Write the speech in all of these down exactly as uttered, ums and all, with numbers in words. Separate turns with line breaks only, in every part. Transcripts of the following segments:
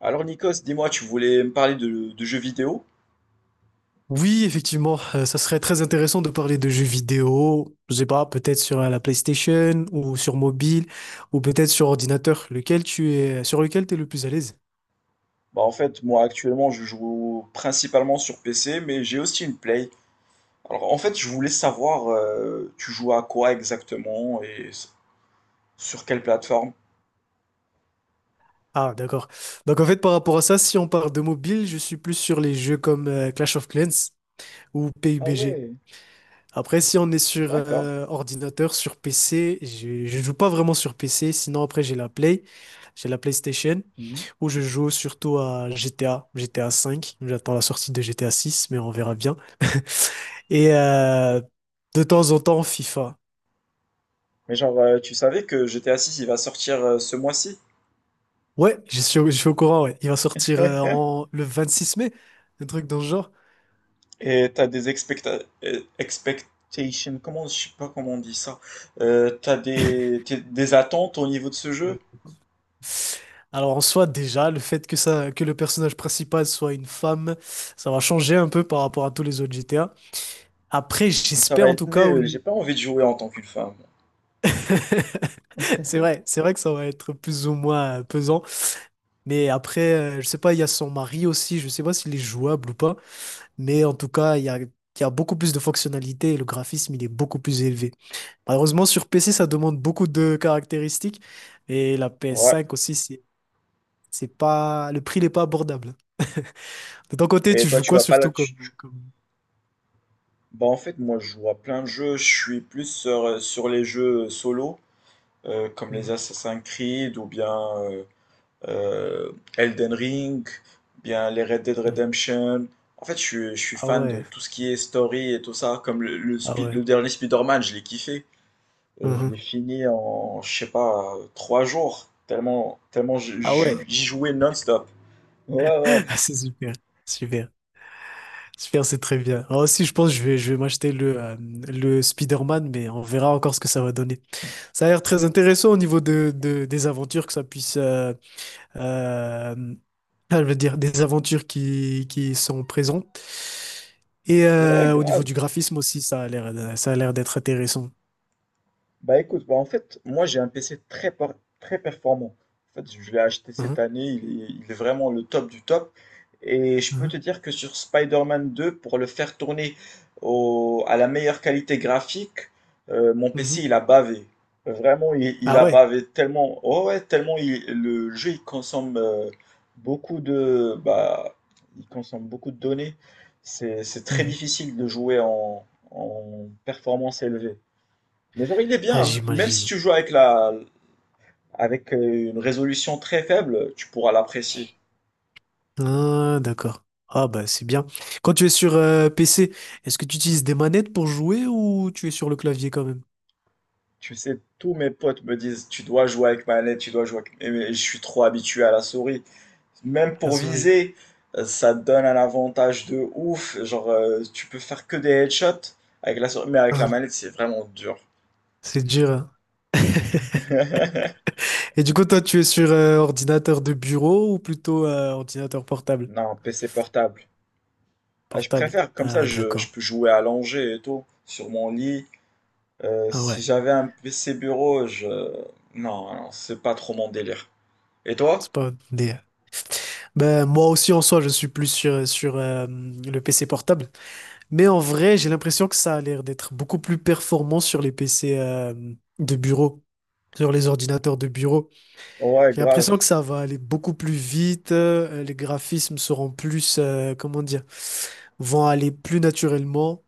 Alors Nikos, dis-moi, tu voulais me parler de, de jeux vidéo?
Oui, effectivement, euh, ça serait très intéressant de parler de jeux vidéo, je sais pas, peut-être sur euh, la PlayStation ou sur mobile ou peut-être sur ordinateur, lequel tu es, sur lequel tu es le plus à l'aise.
Bah en fait, moi actuellement, je joue principalement sur P C, mais j'ai aussi une Play. Alors en fait, je voulais savoir, euh, tu joues à quoi exactement et s- sur quelle plateforme?
Ah, d'accord. Donc en fait, par rapport à ça, si on parle de mobile, je suis plus sur les jeux comme euh, Clash of Clans ou
Ah
P U B G.
ouais,
Après, si on est sur
d'accord.
euh, ordinateur, sur P C, je, je joue pas vraiment sur P C. Sinon, après, j'ai la Play, j'ai la PlayStation,
Mhm.
où je joue surtout à G T A, G T A cinq. J'attends la sortie de G T A six, mais on verra bien. Et euh, de temps en temps, FIFA.
Mais genre, euh, tu savais que G T A six il va sortir euh, ce mois-ci?
Ouais, je suis, au- je suis au courant, ouais. Il va sortir euh, en, le vingt-six mai, un truc dans ce genre.
Et t'as des expecta- euh, expectations, comment, je sais pas comment on dit ça. Euh, t'as des, t'es- des attentes au niveau de ce
Euh,
jeu?
Alors, en soi, déjà le fait que ça que le personnage principal soit une femme, ça va changer un peu par rapport à tous les autres G T A. Après,
Mais ça va
j'espère, en
être
tout cas, au,
nul, j'ai pas envie de jouer en tant qu'une femme.
C'est vrai, c'est vrai que ça va être plus ou moins euh, pesant. Mais après, euh, je sais pas, il y a son mari aussi, je sais pas s'il est jouable ou pas. Mais en tout cas, il y a, il y a beaucoup plus de fonctionnalités et le graphisme, il est beaucoup plus élevé. Malheureusement, sur P C, ça demande beaucoup de caractéristiques. Et la
Ouais.
P S cinq aussi, c'est, c'est pas, le prix n'est pas abordable. De ton côté,
Et
tu
toi,
joues
tu
quoi
vas pas là.
surtout
Tu...
comme,
tu-
euh, comme...
Bah, en fait, moi, je joue à plein de jeux. Je suis plus sur, euh, sur les jeux solo, euh, comme les
Mhm,
Assassin's Creed ou bien euh, euh, Elden Ring, bien les Red Dead
mhm.
Redemption. En fait, je, suis- je suis
Ah
fan de
ouais,
tout ce qui est story et tout ça. Comme le, le,
ah
Spi-
ouais.
le dernier Spider-Man, je l'ai kiffé. Euh, je l'ai
Mhm.
fini en, je sais pas, euh, trois jours. Tellement, tellement j-
Ah
j-
ouais,
j'y jouais non-stop. Ouais, ouais,
c'est super, super. Super, c'est très bien. Moi aussi, je pense que je vais, je vais m'acheter le, euh, le Spider-Man, mais on verra encore ce que ça va donner. Ça a l'air très intéressant au niveau de, de- des aventures que ça puisse... euh, euh, ah, je veux dire, des aventures qui, qui sont présentes. Et
ouais,
euh, au niveau
grave.
du graphisme aussi, ça a l'air, ça a l'air d'être intéressant.
Bah écoute, bah en fait, moi j'ai un P C très, por- très performant. En fait, je l'ai acheté
Mhm,
cette année, il est, il est vraiment le top du top. Et je peux te dire que sur Spider-Man deux, pour le faire tourner au- à la meilleure qualité graphique, euh, mon
mhm,
P C
mhm.
il a bavé. Vraiment, il, il
Ah
a
ouais?
bavé tellement, oh ouais, tellement il- le jeu il consomme euh, beaucoup de, bah, il consomme beaucoup de données. C'est, c'est très
Mhm.
difficile de jouer en en performance élevée. Mais genre, il est
Ah,
bien. Même si
j'imagine.
tu joues avec la, avec euh, une résolution très faible, tu pourras l'apprécier.
Ah, d'accord. Ah, bah, c'est bien. Quand tu es sur euh, P C, est-ce que tu utilises des manettes pour jouer ou tu es sur le clavier quand même?
Tu sais, tous mes potes me disent, tu dois jouer avec manette, tu dois jouer avec... Et mais je suis trop habitué à la souris. Même
Ah,
pour
souris.
viser, euh, ça te donne un avantage de ouf. Genre, euh, tu peux faire que des headshots avec la souris, mais avec la
Ah,
manette, c'est vraiment dur.
c'est dur, hein. Et du coup, toi, tu es sur euh, ordinateur de bureau ou plutôt euh, ordinateur portable?
Non, P C portable. Ah, je
Portable.
préfère, comme ça,
Ah,
je, je
d'accord.
peux jouer allongé et tout, sur mon lit. Euh,
Ah
si
ouais.
j'avais un P C bureau, je... Non, non, c'est pas trop mon délire. Et
C'est
toi?
pas des... Ben, moi aussi, en soi, je suis plus sur, euh, sur euh, le P C portable. Mais en vrai, j'ai l'impression que ça a l'air d'être beaucoup plus performant sur les P C euh, de bureau, sur les ordinateurs de bureau.
Ouais,
J'ai l'impression
grave.
que ça va aller beaucoup plus vite, euh, les graphismes seront plus, euh, comment dire, vont aller plus naturellement.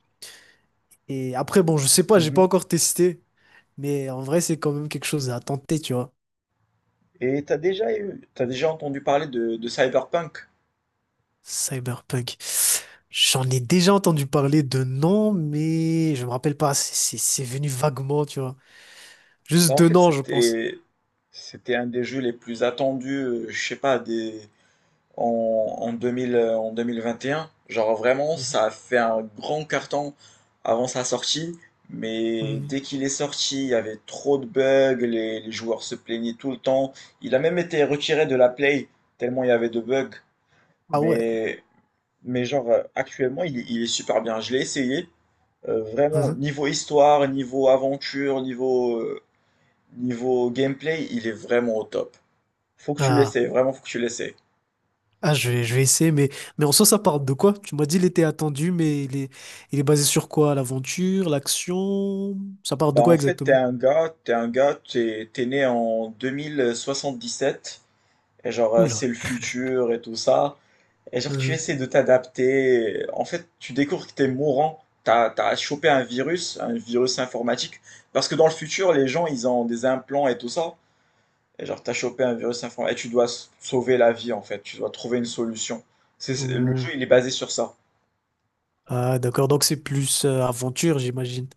Et après, bon, je sais pas, j'ai pas
Mhm.
encore testé, mais en vrai, c'est quand même quelque chose à tenter, tu vois.
Et t'as déjà eu, t'as déjà entendu parler de, de Cyberpunk?
Cyberpunk. J'en ai déjà entendu parler de nom, mais je me rappelle pas, c'est c'est- c'est venu vaguement, tu vois. Juste
Bah en
de
fait
nom, je pense.
c'était, c'était un des jeux les plus attendus, euh, je sais pas, des, en, en deux mille, euh, en deux mille vingt et un. Genre vraiment,
Mhm.
ça a fait un grand carton avant sa sortie, mais
Mhm.
dès qu'il est sorti, il y avait trop de bugs, les, les joueurs se plaignaient tout le temps. Il a même été retiré de la Play, tellement il y avait de bugs.
Ah ouais.
Mais, mais genre, euh, actuellement, il, est il est super bien. Je l'ai essayé. Euh, vraiment, niveau histoire, niveau aventure, niveau, euh, niveau gameplay, il est vraiment au top. Faut que tu
Mhm.
l'essayes, vraiment, faut que tu l'essayes.
Ah, je vais, je vais essayer, mais, mais en soi, ça parle de quoi? Tu m'as dit, il était attendu, mais il est, il est basé sur quoi? L'aventure, l'action? Ça parle
Bah
de quoi
en fait, t'es
exactement?
un gars, t'es un gars, t'es, t'es né en deux mille soixante-dix-sept, et genre euh, c'est
Oula.
le futur et tout ça, et genre tu
Euh,
essaies de t'adapter, en fait tu découvres que t'es mourant, t'as, t'as chopé un virus, un virus informatique, parce que dans le futur les gens ils ont des implants et tout ça, et genre t'as chopé un virus informatique, et tu dois s- sauver la vie en fait, tu dois trouver une solution. C'est, c'est- le
ouh.
jeu il est basé sur ça.
Ah, d'accord, donc c'est plus euh, aventure, j'imagine.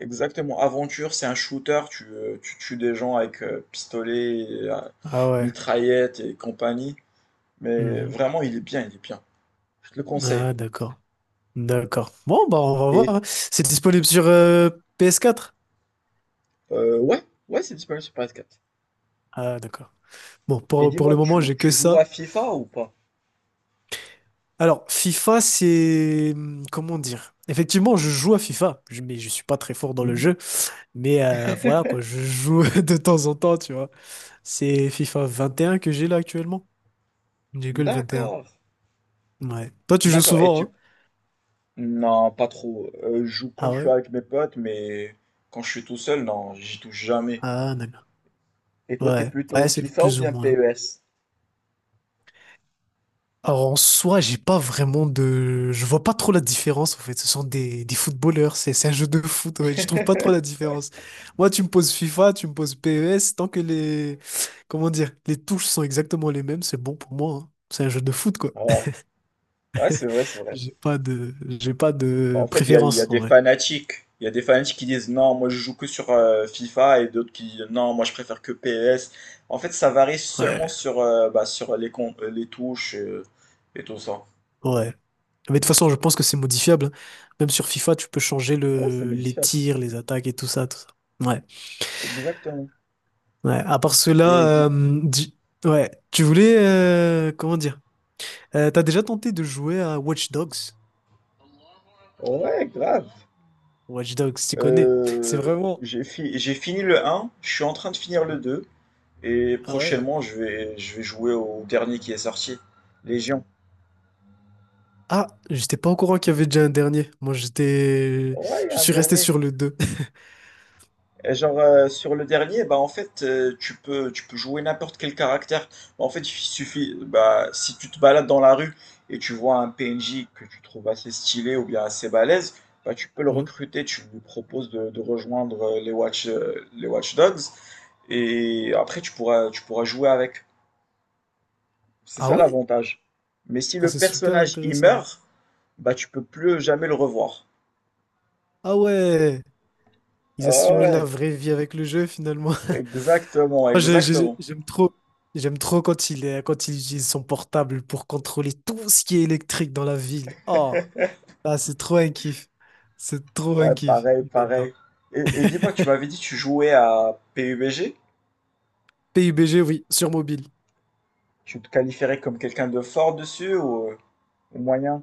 Exactement. Aventure, c'est un shooter, tu, euh, tu tues des gens avec euh, pistolet, et euh,
Ah ouais.
mitraillette et compagnie. Mais
Mhm.
vraiment, il est bien, il est bien. Je te le conseille.
Ah, d'accord. D'accord. Bon,
Et,
bah, on va voir, hein. C'est disponible sur euh, P S quatre.
euh, ouais, ouais, c'est disponible sur P S quatre.
Ah, d'accord. Bon,
Et
pour, pour
dis-moi,
le moment,
tu,
j'ai que
tu joues à
ça.
FIFA ou pas?
Alors, FIFA, c'est... hum, comment dire? Effectivement, je joue à FIFA, je- mais je suis pas très fort dans le
Mhm.
jeu. Mais euh, voilà, quoi, je joue de temps en temps, tu vois. C'est FIFA vingt et un que j'ai là actuellement. J'ai que le vingt et un.
D'accord,
Ouais. Toi, tu joues
d'accord. Et
souvent, hein?
tu... Non, pas trop. Euh, je joue quand
Ah
je suis
ouais?
avec mes potes, mais quand je suis tout seul, non, j'y touche jamais.
Ah, d'accord.
Et toi, t'es
Ouais.
plutôt
Ouais, c'est
FIFA ou
plus ou
bien
moins.
pess?
Alors, en soi, j'ai pas vraiment de... Je vois pas trop la différence, en fait. Ce sont des, des footballeurs. C'est c'est un jeu de foot, ouais. Je trouve pas trop la différence. Moi, tu me poses FIFA, tu me poses P E S. Tant que les... Comment dire? Les touches sont exactement les mêmes, c'est bon pour moi, hein. C'est un jeu de foot, quoi.
Ah ouais, ouais, c'est vrai, c'est vrai.
J'ai pas de, j'ai pas
Bah, en
de
fait, il y a, il y a
préférence en
des
vrai.
fanatiques. Il y a des fanatiques qui disent non, moi je joue que sur euh, FIFA et d'autres qui disent non, moi je préfère que pess. En fait, ça varie seulement
Ouais,
sur, euh, bah, sur les, con- euh, les touches euh, et tout ça.
ouais. Mais de toute façon, je pense que c'est modifiable, hein. Même sur FIFA, tu peux changer
Ouais, c'est
le, les
modifiable.
tirs, les attaques et tout ça, tout ça. Ouais,
Exactement.
ouais. À part
Et
cela,
dit...
euh, di- ouais. Tu voulais, euh, comment dire? Euh, t'as déjà tenté de jouer à Watch Dogs?
Ouais, grave.
Watch Dogs, tu connais. C'est
Euh,
vraiment.
j'ai fi- J'ai fini le un, je suis en train de finir le deux, et
Ah ouais?
prochainement je vais, je vais jouer au dernier qui est sorti, Légion.
Ah, j'étais pas au courant qu'il y avait déjà un dernier. Moi, j'étais,
Ouais, il y a
je
un
suis resté
dernier.
sur le deux.
Et genre euh, sur le dernier, bah en fait euh, tu peux tu peux jouer n'importe quel caractère. En fait, il suffit, bah si tu te balades dans la rue et tu vois un P N J que tu trouves assez stylé ou bien assez balèze, bah tu peux le
Mhm.
recruter, tu lui proposes de, de rejoindre euh, les Watch euh, les Watch Dogs, et après tu pourras tu pourras jouer avec. C'est
Ah
ça
ouais?
l'avantage. Mais si
Ah,
le
c'est super
personnage il
intéressant.
meurt, bah tu peux plus jamais le revoir.
Ah ouais!
Ah
Ils assimilent la
ouais,
vraie vie avec le jeu finalement.
exactement,
Moi, je- je-
exactement.
j'aime trop, j'aime trop quand il est, quand il utilise son portable pour contrôler tout ce qui est électrique dans la ville. Oh, ah, c'est trop un kiff. C'est trop
Ouais,
un kiff.
pareil, pareil.
J'adore.
Et, et dis-moi, tu m'avais dit que tu jouais à P U B G?
P U B G, oui, sur mobile.
Tu te qualifierais comme quelqu'un de fort dessus ou euh, ou moyen?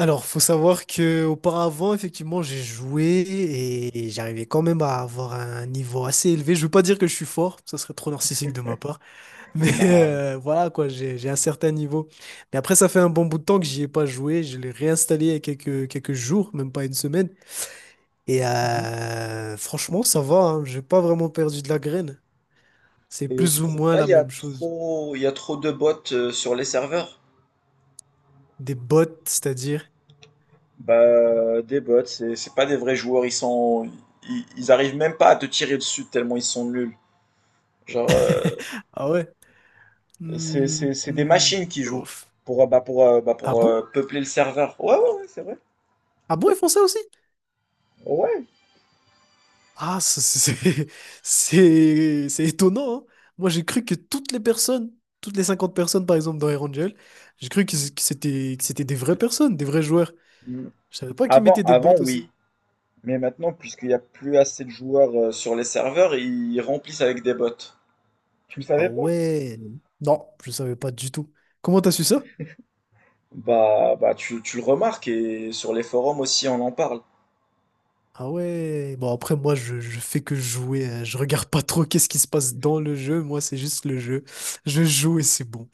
Alors, faut savoir que auparavant, effectivement, j'ai joué et j'arrivais quand même à avoir un niveau assez élevé. Je veux pas dire que je suis fort, ça serait trop narcissique de ma part. Mais
Non.
euh, voilà, quoi, j'ai, j'ai un certain niveau. Mais après, ça fait un bon bout de temps que j'y ai pas joué. Je l'ai réinstallé il y a quelques, quelques jours, même pas une semaine. Et
Mhm.
euh, franchement, ça va, hein. J'ai pas vraiment perdu de la graine. C'est
Et
plus
tu
ou
trouves
moins
pas
la
il y a
même chose.
trop il y a trop de bots euh, sur les serveurs?
Des bots, c'est-à-dire.
Bah des bots, c'est c'est pas des vrais joueurs, ils sont ils, ils arrivent même pas à te tirer dessus tellement ils sont nuls. Genre euh,
Ah ouais.
c'est
Hmm,
c'est c'est des
hmm,
machines qui jouent
ouf.
pour euh, bah pour euh, bah
Ah
pour euh,
bon?
peupler le serveur. Ouais ouais ouais, c'est vrai.
Ah bon, ils font ça aussi?
Ouais.
Ah, ça, c'est c'est c'est- étonnant, hein. Moi, j'ai cru que toutes les personnes, toutes les cinquante personnes, par exemple, dans Air Angel, j'ai cru que c- que c'était que c'était des vraies personnes, des vrais joueurs.
Mm.
Je savais pas qu'ils
Avant,
mettaient des bots
avant, oui.
aussi.
Mais maintenant, puisqu'il n'y a plus assez de joueurs euh, sur les serveurs, ils remplissent avec des bots. Tu le
Ah
savais pas?
ouais. Non, je savais pas du tout. Comment t'as su ça?
Bah, bah tu, tu le remarques, et sur les forums aussi on en parle.
Ah ouais. Bon, après, moi, je, je fais que jouer, hein. Je regarde pas trop qu'est-ce qui se passe dans le jeu. Moi, c'est juste le jeu. Je joue et c'est bon.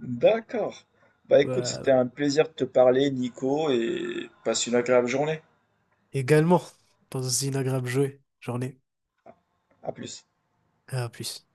D'accord. Bah écoute, c'était
Voilà.
un plaisir de te parler, Nico, et passe une agréable journée.
Également, pas aussi une agréable jouer. Journée.
À plus.
À plus.